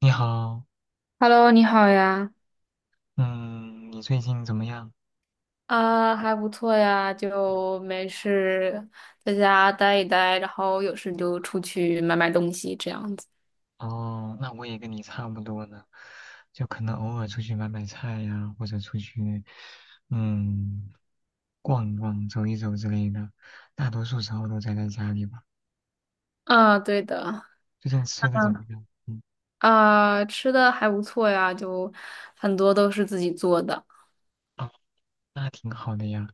你好，Hello，你好呀。嗯，你最近怎么样？还不错呀，就没事在家待一待，然后有事就出去买买东西这样子。哦，那我也跟你差不多呢，就可能偶尔出去买买菜呀，或者出去，嗯，逛一逛、走一走之类的，大多数时候都宅在家里吧。啊，对的。最近吃的怎么嗯，样？嗯。吃的还不错呀，就很多都是自己做的。哦，那挺好的呀。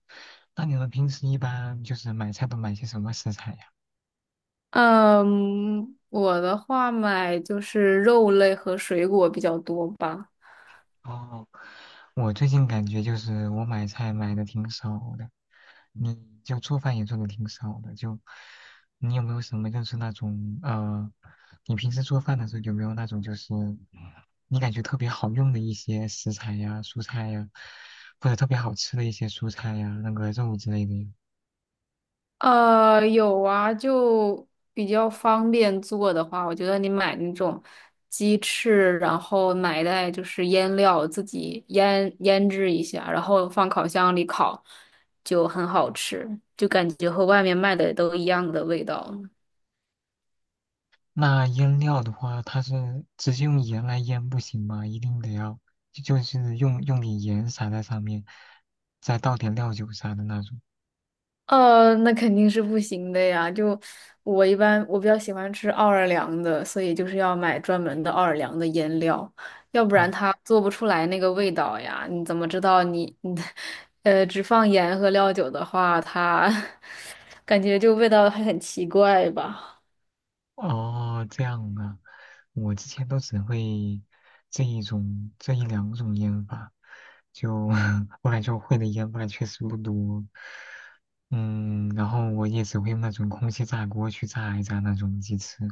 那你们平时一般就是买菜都买些什么食材呀？嗯，我的话买就是肉类和水果比较多吧。哦。我最近感觉就是我买菜买的挺少的，你就做饭也做的挺少的，就你有没有什么就是那种你平时做饭的时候有没有那种就是你感觉特别好用的一些食材呀、蔬菜呀，或者特别好吃的一些蔬菜呀、那个肉之类的呀。有啊，就比较方便做的话，我觉得你买那种鸡翅，然后买一袋就是腌料，自己腌制一下，然后放烤箱里烤，就很好吃，就感觉和外面卖的都一样的味道。那腌料的话，它是直接用盐来腌不行吗？一定得要就是用点盐撒在上面，再倒点料酒啥的那种。那肯定是不行的呀。就我一般，我比较喜欢吃奥尔良的，所以就是要买专门的奥尔良的腌料，要不哦。然它做不出来那个味道呀。你怎么知道你 只放盐和料酒的话，它 感觉就味道还很奇怪吧？哦，这样啊，我之前都只会这一两种烟法，就 后来就 会的烟法确实不多。嗯，然后我也只会用那种空气炸锅去炸一炸那种鸡翅，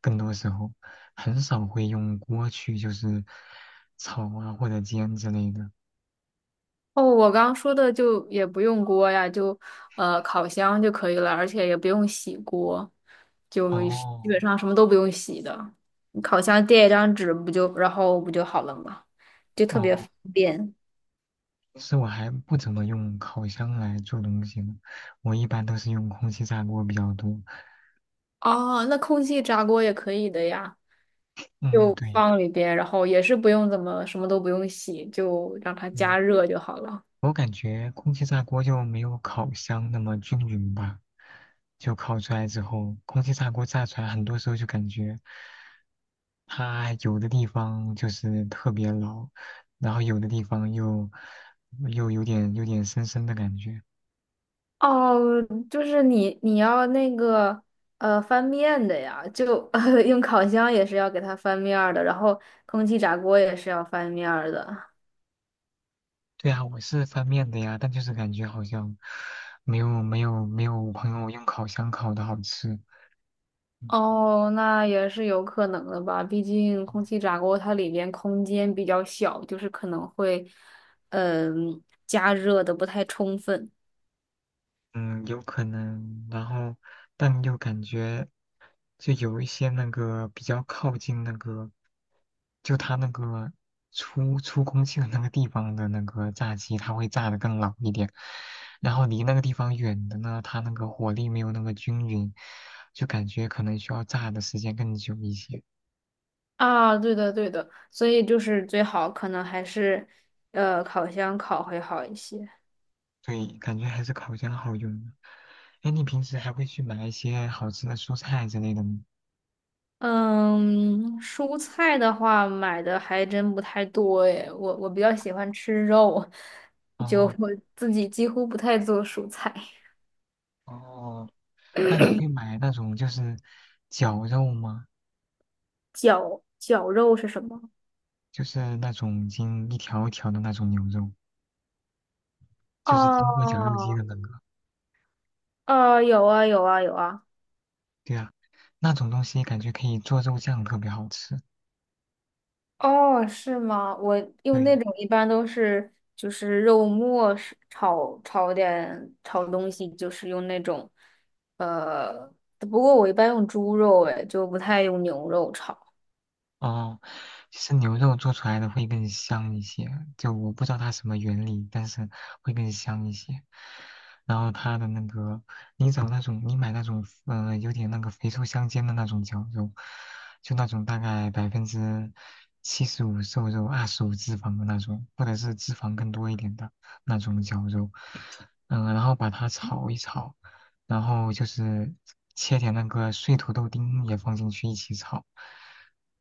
更多时候很少会用锅去就是炒啊或者煎之类的。哦，我刚刚说的就也不用锅呀，烤箱就可以了，而且也不用洗锅，就是基哦。本上什么都不用洗的。你烤箱垫一张纸不就，然后不就好了嘛，就特别哦，方便。其实我还不怎么用烤箱来做东西呢，我一般都是用空气炸锅比较多。哦，那空气炸锅也可以的呀，嗯，就对放里边，然后也是不用怎么什么都不用洗，就让它对，加热就好了。我感觉空气炸锅就没有烤箱那么均匀吧，就烤出来之后，空气炸锅炸出来，很多时候就感觉它有的地方就是特别老，然后有的地方又有点生生的感觉。哦，就是你要那个翻面的呀，就 用烤箱也是要给它翻面儿的，然后空气炸锅也是要翻面儿的。对啊，我是翻面的呀，但就是感觉好像没有我朋友用烤箱烤的好吃。嗯。哦，那也是有可能的吧，毕竟空气炸锅它里边空间比较小，就是可能会嗯、加热的不太充分。嗯，有可能，然后但又感觉就有一些那个比较靠近那个，就它那个出空气的那个地方的那个炸鸡，它会炸得更老一点，然后离那个地方远的呢，它那个火力没有那么均匀，就感觉可能需要炸的时间更久一些。啊，对的对的，所以就是最好可能还是烤箱烤会好一些。对，感觉还是烤箱好用的。哎，你平时还会去买一些好吃的蔬菜之类的吗？嗯，蔬菜的话买的还真不太多诶，我比较喜欢吃肉，就哦。我自己几乎不太做蔬菜。哦，那你会 买那种就是绞肉吗？绞肉是什么？就是那种已经一条一条的那种牛肉，就是哦，经过绞肉机的那个。哦。有啊有啊有啊。对啊，那种东西感觉可以做肉酱，特别好吃。哦，是吗？我用对。那种一般都是就是肉末是炒点炒东西，就是用那种呃，不过我一般用猪肉哎，就不太用牛肉炒。哦，其实牛肉做出来的会更香一些，就我不知道它什么原理，但是会更香一些。然后它的那个，你买那种，有点那个肥瘦相间的那种绞肉，就那种大概75%瘦肉，25脂肪的那种，或者是脂肪更多一点的那种绞肉，然后把它炒一炒，然后就是切点那个碎土豆丁也放进去一起炒，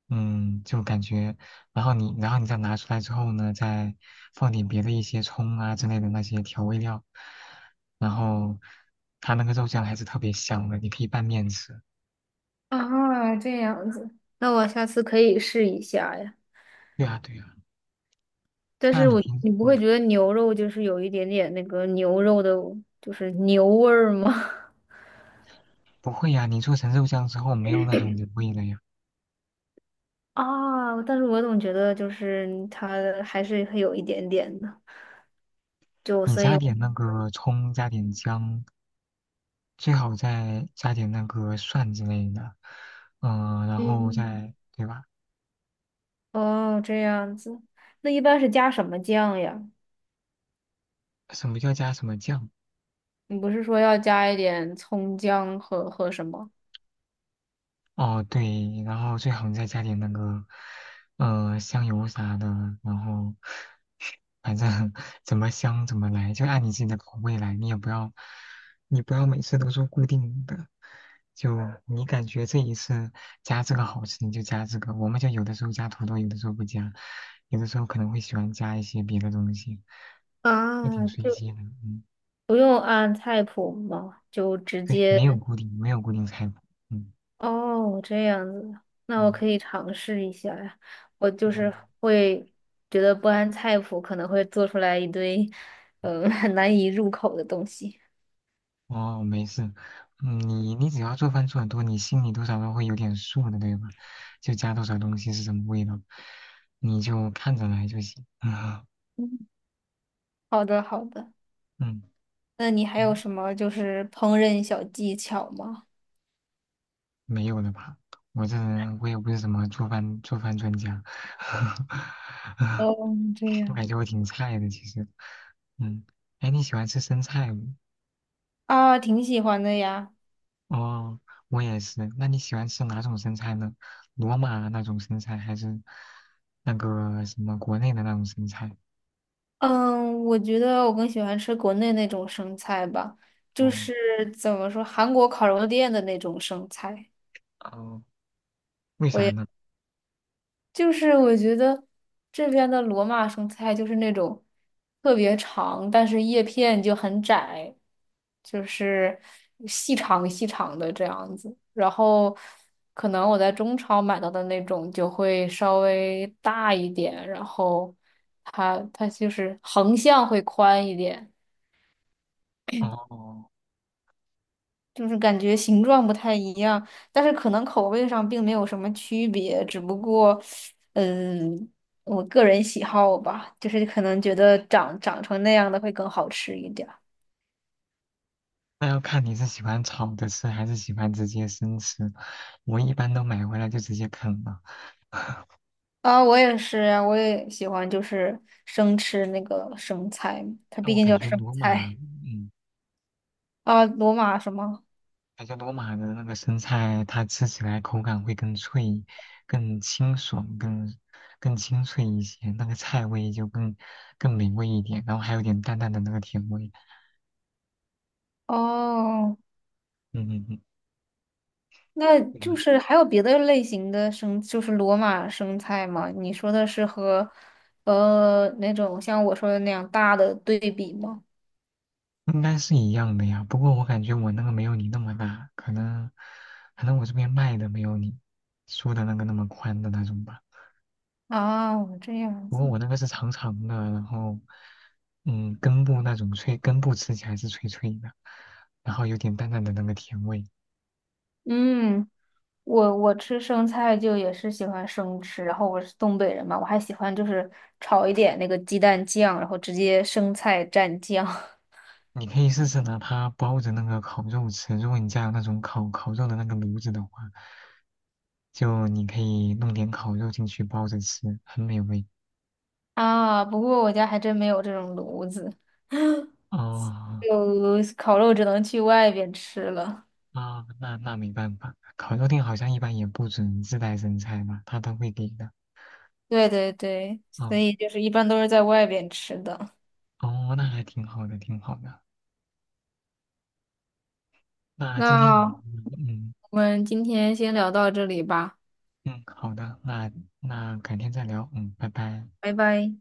嗯，就感觉，然后然后你再拿出来之后呢，再放点别的一些葱啊之类的那些调味料，然后它那个肉酱还是特别香的，你可以拌面吃。啊，这样子，那我下次可以试一下呀。对啊。但那是你我，平，你不会嗯，觉得牛肉就是有一点点那个牛肉的，就是牛味儿吗？不会呀、你做成肉酱之后没有那种油味了呀？啊，但是我总觉得就是它还是会有一点点的，就你所以，加点那个葱，加点姜。最好再加点那个蒜之类的，然后嗯，再对吧？哦，这样子，那一般是加什么酱呀？什么叫加什么酱？你不是说要加一点葱姜和什么？哦，对，然后最好再加点那个，香油啥的，然后反正 怎么香怎么来，就按你自己的口味来，你不要每次都做固定的，就你感觉这一次加这个好吃，你就加这个。我们就有的时候加土豆，有的时候不加，有的时候可能会喜欢加一些别的东西。还挺啊，随就机的。嗯，不用按菜谱吗？就直对，接。没有固定菜谱。嗯哦，这样子，那我嗯可以尝试一下呀。我就嗯，是会觉得不按菜谱可能会做出来一堆，很难以入口的东西。哦，没事。嗯，你你只要做饭做得多，你心里多少都会有点数的，对吧？就加多少东西是什么味道，你就看着来就行。嗯好的，好的。嗯。那你还有嗯，什么就是烹饪小技巧吗？没有了吧？我这人我也不是什么做饭专家。哦，这 我样。感觉我挺菜的其实。嗯，哎，你喜欢吃生菜吗？啊，挺喜欢的呀。哦，我也是。那你喜欢吃哪种生菜呢？罗马那种生菜，还是那个什么国内的那种生菜？嗯，我觉得我更喜欢吃国内那种生菜吧，就哦。是怎么说，韩国烤肉店的那种生菜。哦，为我啥也。呢？就是我觉得这边的罗马生菜就是那种特别长，但是叶片就很窄，就是细长细长的这样子。然后可能我在中超买到的那种就会稍微大一点，然后它就是横向会宽一点。哦，就是感觉形状不太一样，但是可能口味上并没有什么区别，只不过，嗯，我个人喜好吧，就是可能觉得长长成那样的会更好吃一点儿。那要看你是喜欢炒着吃，还是喜欢直接生吃。我一般都买回来就直接啃了。啊，我也是呀，我也喜欢就是生吃那个生菜，它但毕我竟感叫觉生罗马，菜。嗯，啊，罗马什么？感觉罗马的那个生菜，它吃起来口感会更脆、更清爽、更清脆一些，那个菜味就更美味一点，然后还有点淡淡的那个甜味。哦，嗯嗯那嗯，就嗯是还有别的类型的生，就是罗马生菜吗？你说的是和，那种像我说的那样大的对比吗？应该是一样的呀。不过我感觉我那个没有你那么大，可能我这边卖的没有你说的那个那么宽的那种吧。啊，这样不过子。我那个是长长的，然后嗯根部那种脆，根部吃起来是脆脆的，然后有点淡淡的那个甜味。嗯，我吃生菜就也是喜欢生吃，然后我是东北人嘛，我还喜欢就是炒一点那个鸡蛋酱，然后直接生菜蘸酱 你可以试试拿它包着那个烤肉吃。如果你家有那种烤肉的那个炉子的话，就你可以弄点烤肉进去包着吃，很美味。啊。不过我家还真没有这种炉子，哦。就烤肉只能去外边吃了。啊，那那没办法，烤肉店好像一般也不准自带生菜吧，他都会给的。对对对，所哦。以就是一般都是在外边吃的。哦，那还挺好的，挺好的。那今天也那嗯嗯，我们今天先聊到这里吧，嗯，好的，那改天再聊，嗯，拜拜。拜拜。